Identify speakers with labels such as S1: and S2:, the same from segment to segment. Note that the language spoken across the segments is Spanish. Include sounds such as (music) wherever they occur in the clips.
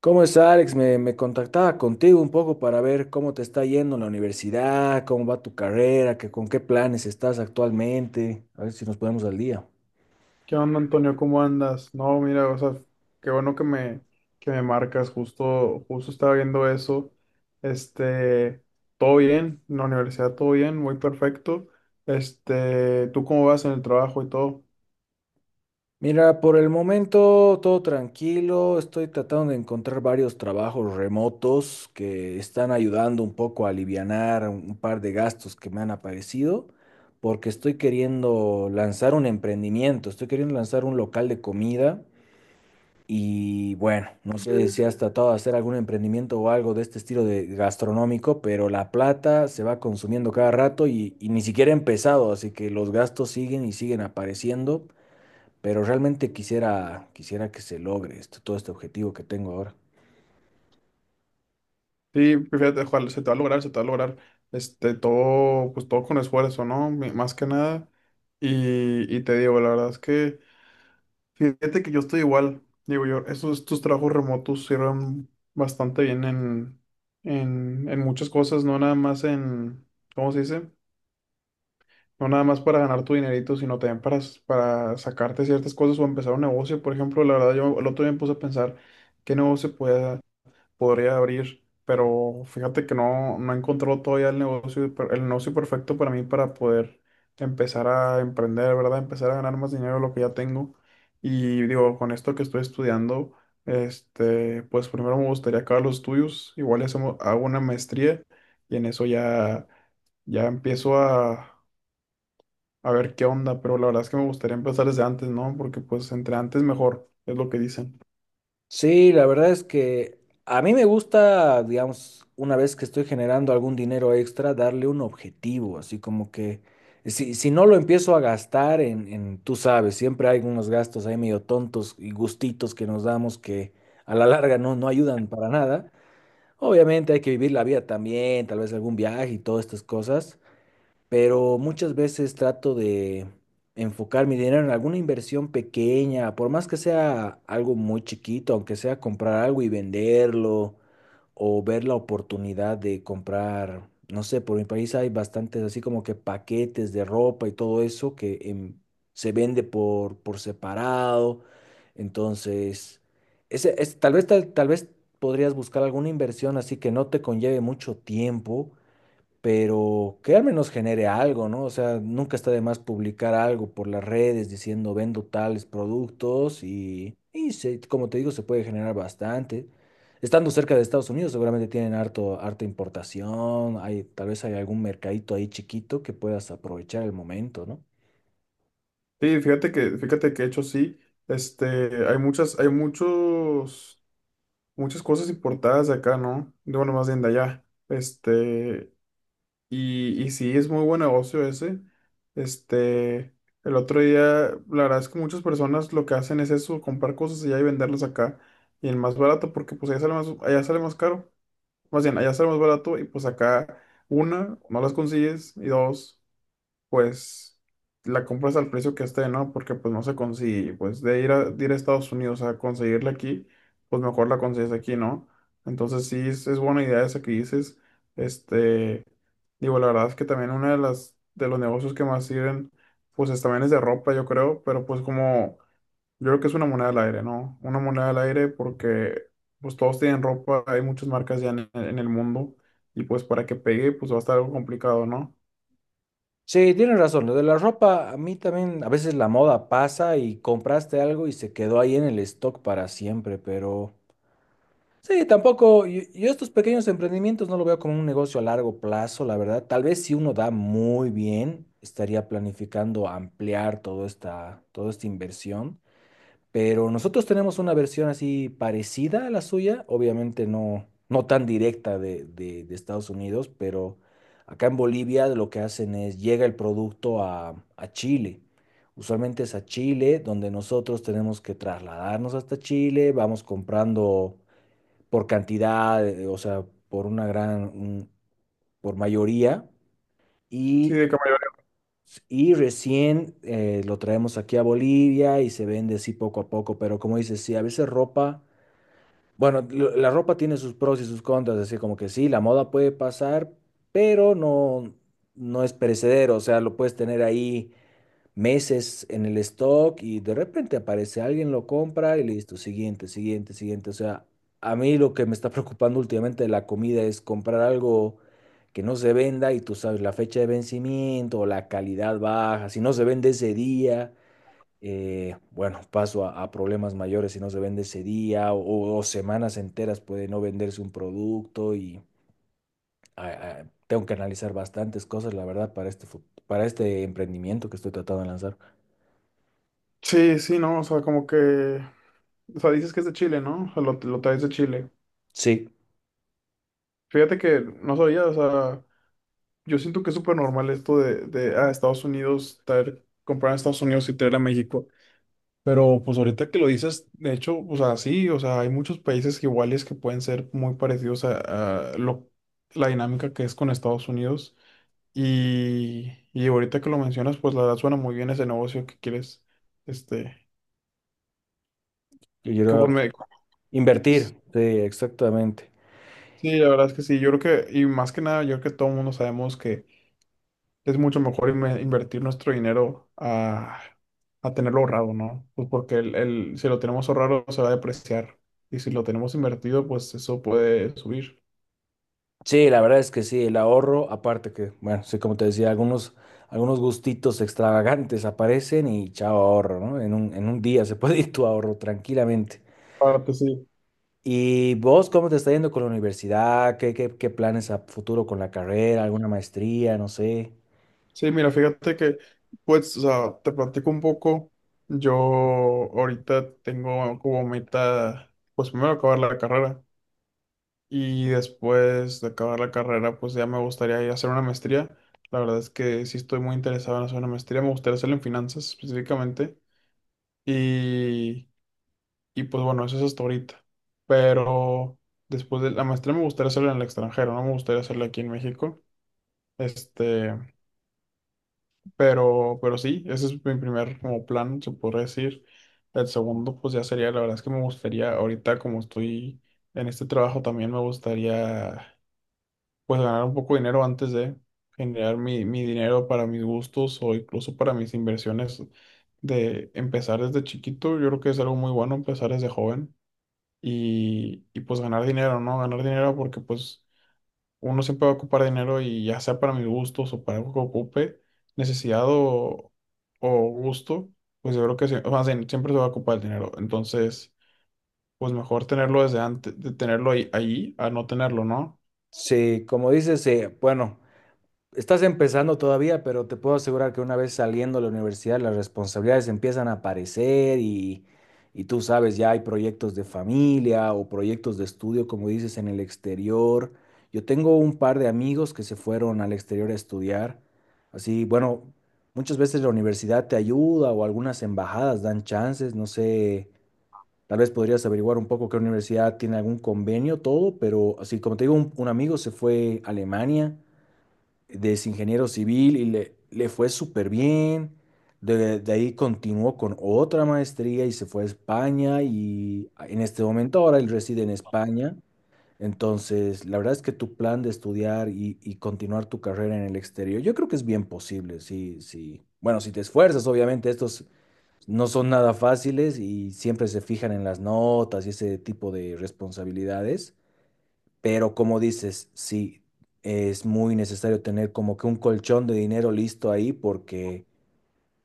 S1: ¿Cómo está, Alex? Me contactaba contigo un poco para ver cómo te está yendo en la universidad, cómo va tu carrera, con qué planes estás actualmente, a ver si nos ponemos al día.
S2: ¿Qué onda, Antonio? ¿Cómo andas? No, mira, o sea, qué bueno que que me marcas. Justo estaba viendo eso. Este, Todo bien, en la universidad todo bien, muy perfecto. ¿Tú cómo vas en el trabajo y todo?
S1: Mira, por el momento todo tranquilo, estoy tratando de encontrar varios trabajos remotos que están ayudando un poco a alivianar un par de gastos que me han aparecido, porque estoy queriendo lanzar un emprendimiento, estoy queriendo lanzar un local de comida. Y bueno, no sé si has tratado de hacer algún emprendimiento o algo de este estilo de gastronómico, pero la plata se va consumiendo cada rato y ni siquiera he empezado, así que los gastos siguen y siguen apareciendo, pero realmente quisiera que se logre esto, todo este objetivo que tengo ahora.
S2: Sí, fíjate, ojalá, se te va a lograr, se te va a lograr. Todo, pues todo con esfuerzo, ¿no? Más que nada. Y te digo, la verdad es que fíjate que yo estoy igual. Digo yo, estos trabajos remotos sirven bastante bien en muchas cosas, no nada más ¿cómo se dice? No nada más para ganar tu dinerito, sino también para sacarte ciertas cosas o empezar un negocio. Por ejemplo, la verdad, yo el otro día me puse a pensar qué negocio podía podría abrir, pero fíjate que no he encontrado todavía el negocio perfecto para mí para poder empezar a emprender, ¿verdad? Empezar a ganar más dinero de lo que ya tengo. Y digo, con esto que estoy estudiando, pues primero me gustaría acabar los estudios, igual y hago una maestría y en eso ya, ya empiezo a ver qué onda, pero la verdad es que me gustaría empezar desde antes, ¿no? Porque pues entre antes mejor, es lo que dicen.
S1: Sí, la verdad es que a mí me gusta, digamos, una vez que estoy generando algún dinero extra, darle un objetivo, así como que si no lo empiezo a gastar tú sabes, siempre hay unos gastos ahí medio tontos y gustitos que nos damos que a la larga no, no ayudan para nada. Obviamente hay que vivir la vida también, tal vez algún viaje y todas estas cosas, pero muchas veces trato de enfocar mi dinero en alguna inversión pequeña, por más que sea algo muy chiquito, aunque sea comprar algo y venderlo o ver la oportunidad de comprar, no sé, por mi país hay bastantes así como que paquetes de ropa y todo eso que se vende por separado. Entonces, ese, es, tal vez, tal, tal vez podrías buscar alguna inversión así que no te conlleve mucho tiempo pero que al menos genere algo, ¿no? O sea, nunca está de más publicar algo por las redes diciendo vendo tales productos y como te digo, se puede generar bastante. Estando cerca de Estados Unidos, seguramente tienen harta importación, hay, tal vez hay algún mercadito ahí chiquito que puedas aprovechar el momento, ¿no?
S2: Sí, fíjate que de hecho sí, hay hay muchos, muchas cosas importadas de acá, ¿no? De, bueno, más bien de allá, y sí, es muy buen negocio ese, este, el otro día, la verdad es que muchas personas lo que hacen es eso, comprar cosas allá y venderlas acá, y el más barato, porque pues allá sale más caro, más bien, allá sale más barato, y pues acá, una, no las consigues, y dos, pues la compras al precio que esté, ¿no? Porque pues no se consigue, pues de ir de ir a Estados Unidos a conseguirla aquí, pues mejor la consigues aquí, ¿no? Entonces sí, es buena idea esa que dices. Este, Digo, la verdad es que también una de de los negocios que más sirven, pues también es de ropa, yo creo, pero pues como, yo creo que es una moneda al aire, ¿no? Una moneda al aire porque pues todos tienen ropa, hay muchas marcas ya en el mundo y pues para que pegue, pues va a estar algo complicado, ¿no?
S1: Sí, tienes razón. Lo de la ropa, a mí también, a veces la moda pasa y compraste algo y se quedó ahí en el stock para siempre, pero... Sí, tampoco, yo estos pequeños emprendimientos no lo veo como un negocio a largo plazo, la verdad. Tal vez si uno da muy bien, estaría planificando ampliar toda esta inversión, pero nosotros tenemos una versión así parecida a la suya, obviamente no, no tan directa de Estados Unidos, pero acá en Bolivia lo que hacen es llega el producto a Chile. Usualmente es a Chile, donde nosotros tenemos que trasladarnos hasta Chile, vamos comprando por cantidad, o sea, por una gran, un- por mayoría,
S2: Sí,
S1: y,
S2: de que
S1: y recién lo traemos aquí a Bolivia y se vende así poco a poco, pero como dices, sí, a veces ropa, bueno, la ropa tiene sus pros y sus contras, así como que sí, la moda puede pasar, pero no, no es perecedero, o sea, lo puedes tener ahí meses en el stock y de repente aparece alguien, lo compra y listo, siguiente, siguiente, siguiente. O sea, a mí lo que me está preocupando últimamente de la comida es comprar algo que no se venda y tú sabes la fecha de vencimiento o la calidad baja, si no se vende ese día. Bueno, paso a problemas mayores si no se vende ese día o semanas enteras puede no venderse un producto y ah, tengo que analizar bastantes cosas, la verdad, para para este emprendimiento que estoy tratando de lanzar.
S2: sí, sí, no, o sea, como que, o sea, dices que es de Chile, ¿no? O sea, lo traes de Chile.
S1: Sí.
S2: Fíjate que no sabía, o sea, yo siento que es súper normal esto ah, Estados Unidos, traer, comprar en Estados Unidos y traer a México. Pero pues ahorita que lo dices, de hecho, o sea, sí, o sea, hay muchos países iguales que pueden ser muy parecidos a lo, la dinámica que es con Estados Unidos. Y ahorita que lo mencionas, pues la verdad suena muy bien ese negocio que quieres, este,
S1: Yo
S2: que
S1: quiero
S2: pues, me,
S1: invertir, sí, exactamente.
S2: sí, la verdad es que sí. Yo creo que, y más que nada, yo creo que todo el mundo sabemos que es mucho mejor invertir nuestro dinero a tenerlo ahorrado, ¿no? Pues porque si lo tenemos ahorrado se va a depreciar. Y si lo tenemos invertido, pues eso puede subir.
S1: Sí, la verdad es que sí, el ahorro, aparte que, bueno, sí, como te decía, algunos gustitos extravagantes aparecen y chao ahorro, ¿no? En un día se (laughs) puede ir tu ahorro tranquilamente.
S2: Aparte, sí.
S1: ¿Y vos cómo te está yendo con la universidad? ¿Qué planes a futuro con la carrera? ¿Alguna maestría? No sé.
S2: Sí, mira, fíjate que, pues, o sea, te platico un poco. Yo ahorita tengo como meta, pues primero acabar la carrera. Y después de acabar la carrera, pues ya me gustaría ir a hacer una maestría. La verdad es que sí estoy muy interesado en hacer una maestría. Me gustaría hacerla en finanzas específicamente. Y, y pues bueno, eso es hasta ahorita. Pero después de la maestría me gustaría hacerla en el extranjero, no me gustaría hacerla aquí en México. Este, pero sí, ese es mi primer como plan, se podría decir. El segundo, pues ya sería, la verdad es que me gustaría, ahorita como estoy en este trabajo, también me gustaría pues ganar un poco de dinero antes de generar mi dinero para mis gustos o incluso para mis inversiones de empezar desde chiquito. Yo creo que es algo muy bueno empezar desde joven y pues ganar dinero, ¿no? Ganar dinero porque pues uno siempre va a ocupar dinero y ya sea para mis gustos o para algo que ocupe, necesidad o gusto, pues yo creo que sí, más bien, siempre se va a ocupar el dinero. Entonces, pues mejor tenerlo desde antes, de tenerlo ahí, ahí a no tenerlo, ¿no?
S1: Sí, como dices, bueno. Estás empezando todavía, pero te puedo asegurar que una vez saliendo de la universidad las responsabilidades empiezan a aparecer y tú sabes, ya hay proyectos de familia o proyectos de estudio, como dices, en el exterior. Yo tengo un par de amigos que se fueron al exterior a estudiar. Así, bueno, muchas veces la universidad te ayuda o algunas embajadas dan chances, no sé, tal vez podrías averiguar un poco qué universidad tiene algún convenio, todo, pero así como te digo, un amigo se fue a Alemania de es ingeniero civil y le fue súper bien. De ahí continuó con otra maestría y se fue a España y en este momento ahora él reside en España. Entonces, la verdad es que tu plan de estudiar y continuar tu carrera en el exterior, yo creo que es bien posible, sí, sí. Bueno, si te esfuerzas, obviamente estos no son nada fáciles y siempre se fijan en las notas y ese tipo de responsabilidades. Pero como dices, sí, es muy necesario tener como que un colchón de dinero listo ahí porque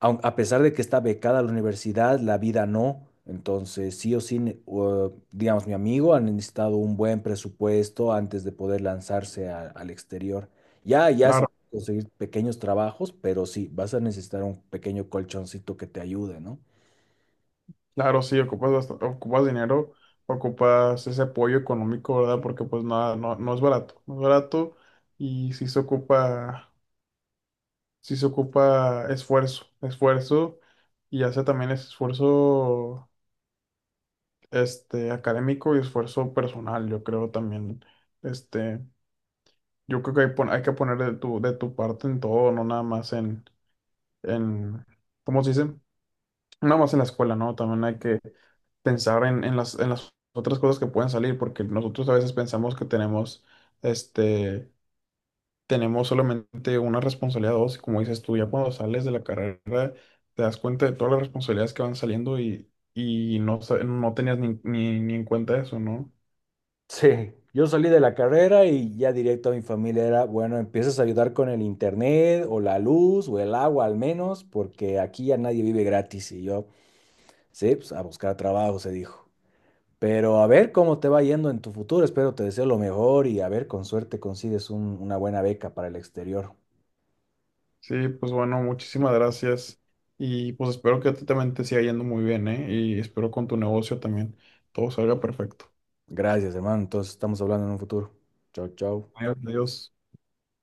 S1: a pesar de que está becada la universidad, la vida no. Entonces, sí o sí, digamos, mi amigo ha necesitado un buen presupuesto antes de poder lanzarse al exterior. Ya se
S2: Claro,
S1: pueden conseguir pequeños trabajos, pero sí, vas a necesitar un pequeño colchoncito que te ayude, ¿no?
S2: claro, sí, ocupas bastante, ocupas dinero, ocupas ese apoyo económico, ¿verdad? Porque pues nada, no es barato, no es barato y sí se ocupa esfuerzo, esfuerzo y hace también ese esfuerzo académico y esfuerzo personal, yo creo también, este, yo creo que hay que poner de de tu parte en todo, no nada más en, ¿cómo se dice? No nada más en la escuela, ¿no? También hay que pensar en en las otras cosas que pueden salir, porque nosotros a veces pensamos que tenemos, este, tenemos solamente una responsabilidad o dos, y como dices tú, ya cuando sales de la carrera te das cuenta de todas las responsabilidades que van saliendo no tenías ni en cuenta eso, ¿no?
S1: Sí, yo salí de la carrera y ya directo a mi familia era, bueno, empiezas a ayudar con el internet o la luz o el agua al menos, porque aquí ya nadie vive gratis y yo, sí, pues a buscar trabajo, se dijo. Pero a ver cómo te va yendo en tu futuro, espero te deseo lo mejor y a ver, con suerte consigues una buena beca para el exterior.
S2: Sí, pues bueno, muchísimas gracias y pues espero que a ti también te siga yendo muy bien, ¿eh? Y espero con tu negocio también todo salga perfecto.
S1: Gracias, hermano, entonces estamos hablando en un futuro. Chao, chao.
S2: Adiós, adiós.